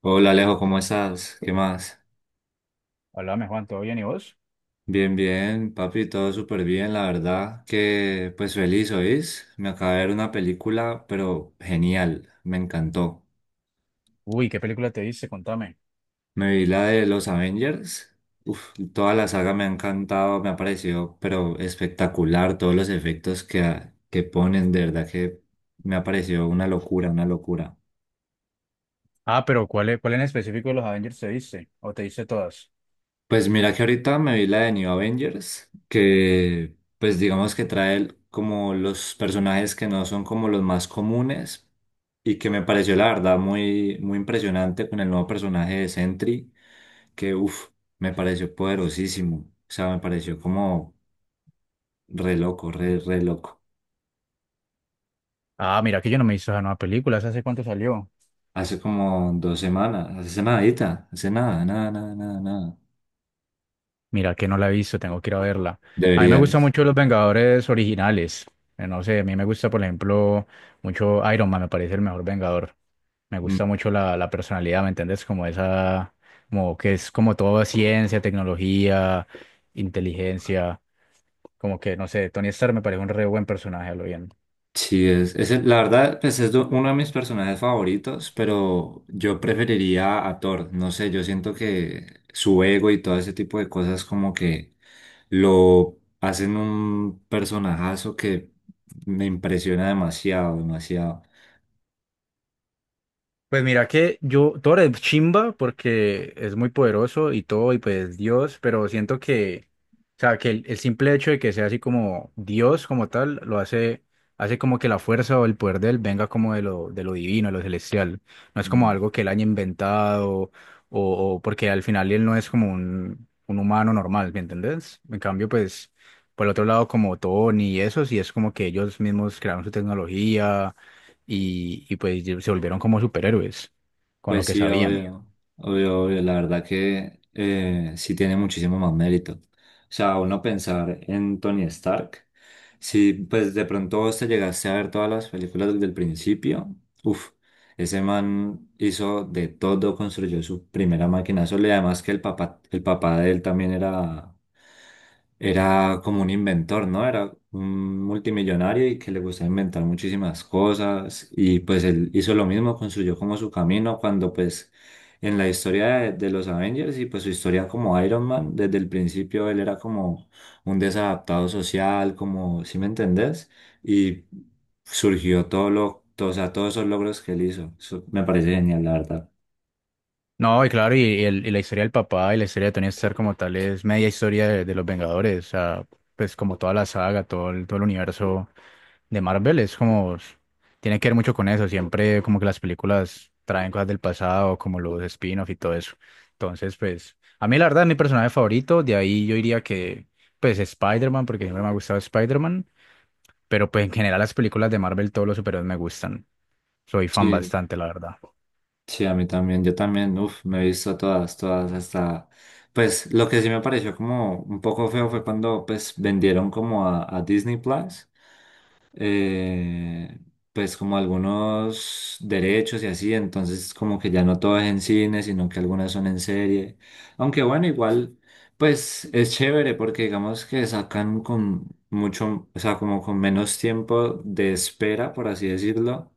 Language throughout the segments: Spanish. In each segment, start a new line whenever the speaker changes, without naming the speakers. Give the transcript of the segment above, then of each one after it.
Hola Alejo, ¿cómo estás? ¿Qué más?
Hola, Juan, ¿todo bien y vos?
Bien, bien, papi, todo súper bien, la verdad que feliz, ¿oís? Me acabé de ver una película, pero genial, me encantó.
Uy, ¿qué película te viste? Contame.
Me vi la de los Avengers, toda la saga me ha encantado, me ha parecido, pero espectacular, todos los efectos que ponen, de verdad que me ha parecido una locura, una locura.
Ah, pero ¿cuál, cuál en específico de los Avengers te viste? ¿O te viste todas?
Pues mira que ahorita me vi la de New Avengers, que pues digamos que trae como los personajes que no son como los más comunes y que me pareció la verdad muy impresionante con el nuevo personaje de Sentry, que me pareció poderosísimo, o sea, me pareció como re loco, re loco.
Ah, mira que yo no me he visto esa nueva película, ¿esa ¿hace cuánto salió?
Hace como 2 semanas, hace nadita, hace nada, nada, nada, nada, nada.
Mira que no la he visto, tengo que ir a verla. A mí me gustan
Deberías.
mucho los Vengadores originales. No sé, a mí me gusta, por ejemplo, mucho Iron Man, me parece el mejor Vengador. Me gusta
Mm.
mucho la personalidad, ¿me entiendes? Como esa, como que es como todo ciencia, tecnología, inteligencia, como que, no sé, Tony Stark me parece un re buen personaje, a lo bien.
Sí, la verdad, pues uno de mis personajes favoritos, pero yo preferiría a Thor. No sé, yo siento que su ego y todo ese tipo de cosas como que lo hacen un personajazo que me impresiona demasiado, demasiado.
Pues mira que yo, Thor es chimba porque es muy poderoso y todo, y pues Dios, pero siento que, o sea, que el simple hecho de que sea así como Dios como tal, lo hace, hace como que la fuerza o el poder de él venga como de lo divino, de lo celestial. No es como
Mm.
algo que él haya inventado, o porque al final él no es como un humano normal, ¿me entendés? En cambio, pues, por el otro lado, como Tony y eso, sí es como que ellos mismos crearon su tecnología y pues se volvieron como superhéroes con lo
Pues
que
sí,
sabían.
obvio, obvio. La verdad que sí tiene muchísimo más mérito. O sea, uno pensar en Tony Stark, si pues de pronto vos te llegaste a ver todas las películas desde el principio, uff, ese man hizo de todo, construyó su primera máquina sola y además que el papá de él también era como un inventor, ¿no? Era un multimillonario y que le gustaba inventar muchísimas cosas y pues él hizo lo mismo, construyó como su camino cuando pues en la historia de los Avengers y pues su historia como Iron Man, desde el principio él era como un desadaptado social, como, ¿sí me entendés? Y surgió todo, o sea, todos esos logros que él hizo. Eso me parece genial, la verdad.
No, y claro, y, y la historia del papá y la historia de Tony Stark como tal es media historia de los Vengadores, o sea, pues como toda la saga, todo el universo de Marvel es como, tiene que ver mucho con eso, siempre como que las películas traen cosas del pasado, como los spin-off y todo eso. Entonces, pues, a mí la verdad es mi personaje favorito, de ahí yo diría que, pues, Spider-Man, porque siempre me ha gustado Spider-Man, pero pues en general las películas de Marvel, todos los superhéroes me gustan. Soy fan
Sí,
bastante, la verdad.
sí, a mí también, yo también, me he visto todas, todas hasta, pues lo que sí me pareció como un poco feo fue cuando pues vendieron como a Disney Plus eh, pues como algunos derechos y así, entonces como que ya no todo es en cine, sino que algunas son en serie. Aunque bueno, igual, pues es chévere porque digamos que sacan con mucho, o sea, como con menos tiempo de espera, por así decirlo,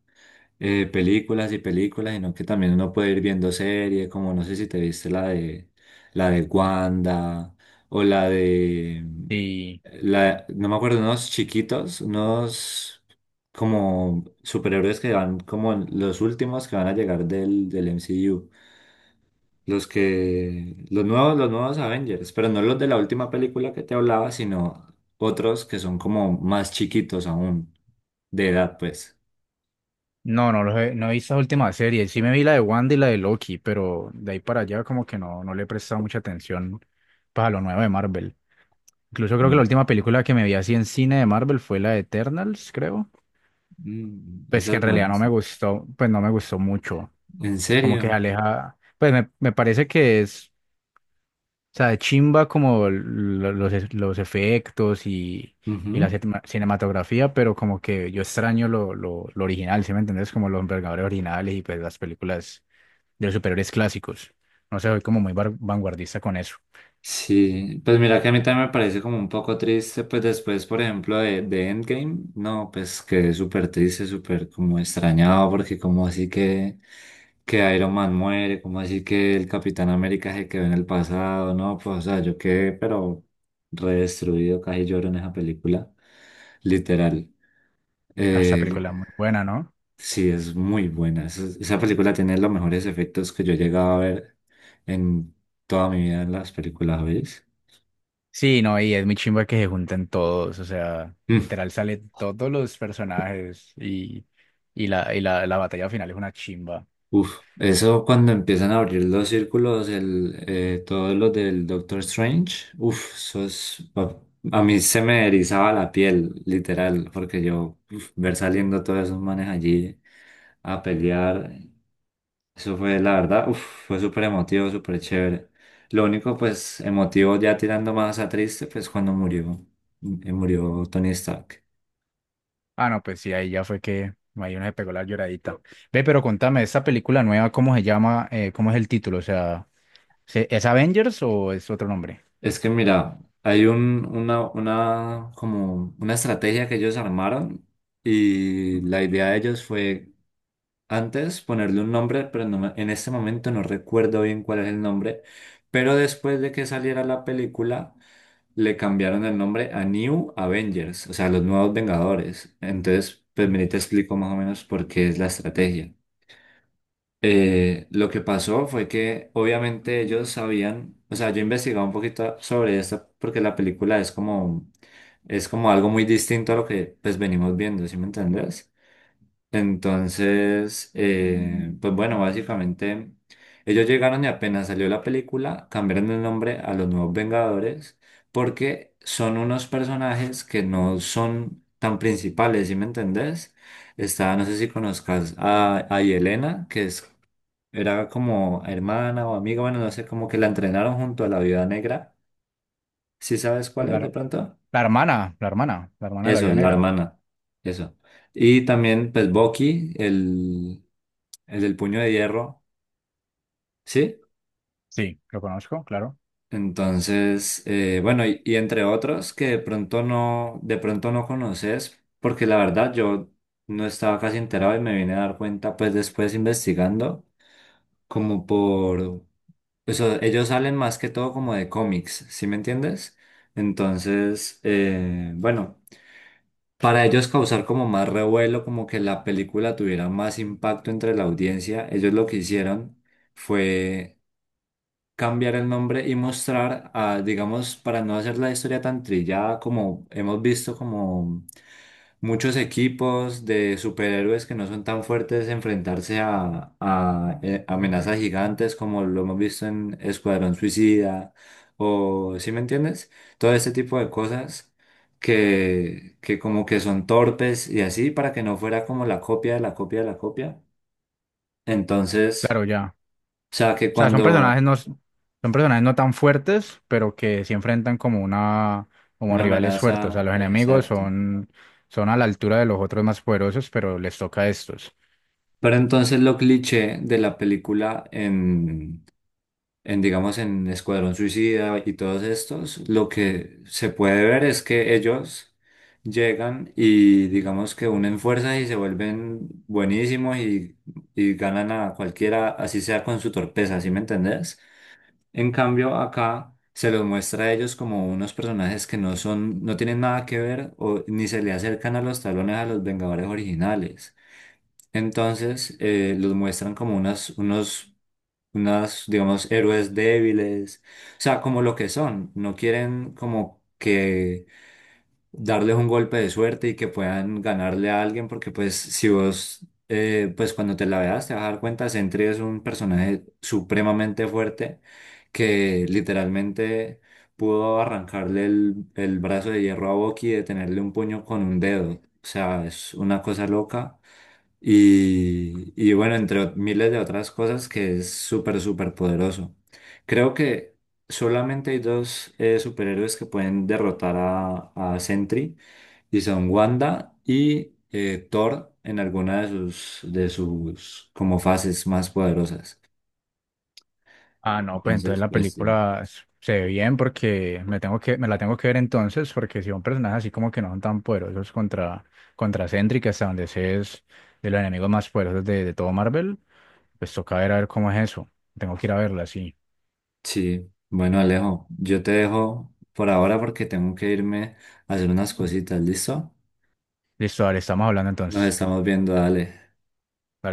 películas y películas, sino que también uno puede ir viendo series, como no sé si te viste la de Wanda o
Y
la, no me acuerdo, unos chiquitos, unos como superhéroes que van como los últimos que van a llegar del MCU. Los que, los nuevos Avengers, pero no los de la última película que te hablaba, sino otros que son como más chiquitos aún, de edad, pues.
no, no, no he visto las últimas series. Sí me vi la de Wanda y la de Loki, pero de ahí para allá como que no, no le he prestado mucha atención para lo nuevo de Marvel. Incluso creo que la
Mm.
última película que me vi así en cine de Marvel fue la de Eternals, creo.
Mm,
Pues
esa
que
es
en realidad
buena.
no me gustó, pues no me gustó mucho.
¿En
Como que se
serio?
aleja, pues me parece que es. O sea, de chimba como los, los efectos y
Ujú.
la cinematografía, pero como que yo extraño lo original, ¿sí me entendés? Como los envergadores originales y pues las películas de los superiores clásicos. No sé, soy como muy vanguardista con eso.
Sí, pues mira que a mí también me parece como un poco triste, pues después, por ejemplo, de Endgame, no, pues quedé súper triste, súper como extrañado, porque como así que Iron Man muere, como así que el Capitán América se quedó en el pasado, no, pues o sea, yo quedé pero redestruido, casi lloro en esa película, literal.
Ah, esta
Eh,
película es muy buena, ¿no?
Sí, es muy buena. Esa película tiene los mejores efectos que yo he llegado a ver en toda mi vida en las películas, veis.
Sí, no, y es muy chimba que se junten todos, o sea,
Mm,
literal salen todos los personajes y la, la batalla final es una chimba.
uf, eso cuando empiezan a abrir los círculos, todos los del Doctor Strange, eso es, a mí se me erizaba la piel, literal, porque yo, ver saliendo todos esos manes allí a pelear. Eso fue, la verdad, fue súper emotivo, súper chévere. Lo único, pues, emotivo ya tirando más a triste, pues cuando murió, murió Tony Stark.
Ah, no, pues sí, ahí ya fue que ahí una se pegó la lloradita. Ve, pero contame, ¿esta película nueva cómo se llama? ¿Cómo es el título? O sea, ¿es Avengers o es otro nombre?
Es que mira, hay una, como una estrategia que ellos armaron y la idea de ellos fue antes ponerle un nombre, pero no me- en este momento no recuerdo bien cuál es el nombre. Pero después de que saliera la película, le cambiaron el nombre a New Avengers, o sea, los nuevos Vengadores. Entonces, pues vení, te explico más o menos por qué es la estrategia. Lo que pasó fue que obviamente ellos sabían, o sea, yo investigaba un poquito sobre esto porque la película es como algo muy distinto a lo que pues venimos viendo, ¿sí me entendés? Entonces, pues bueno, básicamente ellos llegaron y apenas salió la película, cambiaron el nombre a los Nuevos Vengadores porque son unos personajes que no son tan principales, ¿sí me entendés? Está, no sé si conozcas a Yelena, que es, era como hermana o amiga, bueno, no sé, como que la entrenaron junto a la Viuda Negra. ¿Sí sabes cuál es de
Claro.
pronto?
La hermana, la hermana, la hermana de la
Eso,
Vida
la
Negra.
hermana, eso. Y también, pues, Bucky, el del puño de hierro, ¿sí?
Sí, lo conozco, claro.
Entonces, bueno, y entre otros que de pronto no conoces, porque la verdad yo no estaba casi enterado y me vine a dar cuenta pues después investigando, como por eso, ellos salen más que todo como de cómics, ¿sí me entiendes? Entonces, bueno, para ellos causar como más revuelo, como que la película tuviera más impacto entre la audiencia, ellos lo que hicieron fue cambiar el nombre y mostrar, ah, digamos, para no hacer la historia tan trillada como hemos visto como muchos equipos de superhéroes que no son tan fuertes enfrentarse a amenazas gigantes como lo hemos visto en Escuadrón Suicida o, ¿sí me entiendes? Todo este tipo de cosas. Que como que son torpes y así para que no fuera como la copia de la copia de la copia. Entonces,
Claro, ya.
o sea que
O sea,
cuando
son personajes no tan fuertes, pero que sí enfrentan como una, como
una
rivales fuertes. O sea,
amenaza,
los enemigos
exacto.
son, son a la altura de los otros más poderosos, pero les toca a estos.
Pero entonces lo cliché de la película en, digamos, en Escuadrón Suicida y todos estos, lo que se puede ver es que ellos llegan y digamos que unen fuerzas y se vuelven buenísimos y ganan a cualquiera, así sea con su torpeza, ¿sí me entendés? En cambio, acá se los muestra a ellos como unos personajes que no son, no tienen nada que ver o ni se le acercan a los talones a los Vengadores originales. Entonces, los muestran como unas, digamos, héroes débiles, o sea, como lo que son, no quieren como que darles un golpe de suerte y que puedan ganarle a alguien, porque pues si vos, pues cuando te la veas te vas a dar cuenta, Sentry es un personaje supremamente fuerte que literalmente pudo arrancarle el brazo de hierro a Bucky y detenerle un puño con un dedo, o sea, es una cosa loca. Y bueno, miles de otras cosas que es súper, súper poderoso. Creo que solamente hay 2 superhéroes que pueden derrotar a Sentry y son Wanda y Thor en alguna de sus como fases más poderosas.
Ah, no, pues entonces
Entonces,
la
pues sí.
película se ve bien porque me tengo que, me la tengo que ver entonces, porque si son personajes así como que no son tan poderosos contra, contra Sentry, que hasta donde sé es de los enemigos más poderosos de todo Marvel, pues toca ver a ver cómo es eso. Tengo que ir a verla, sí.
Sí, bueno, Alejo, yo te dejo por ahora porque tengo que irme a hacer unas cositas, ¿listo?
Listo, dale, estamos hablando
Nos
entonces.
estamos viendo, dale.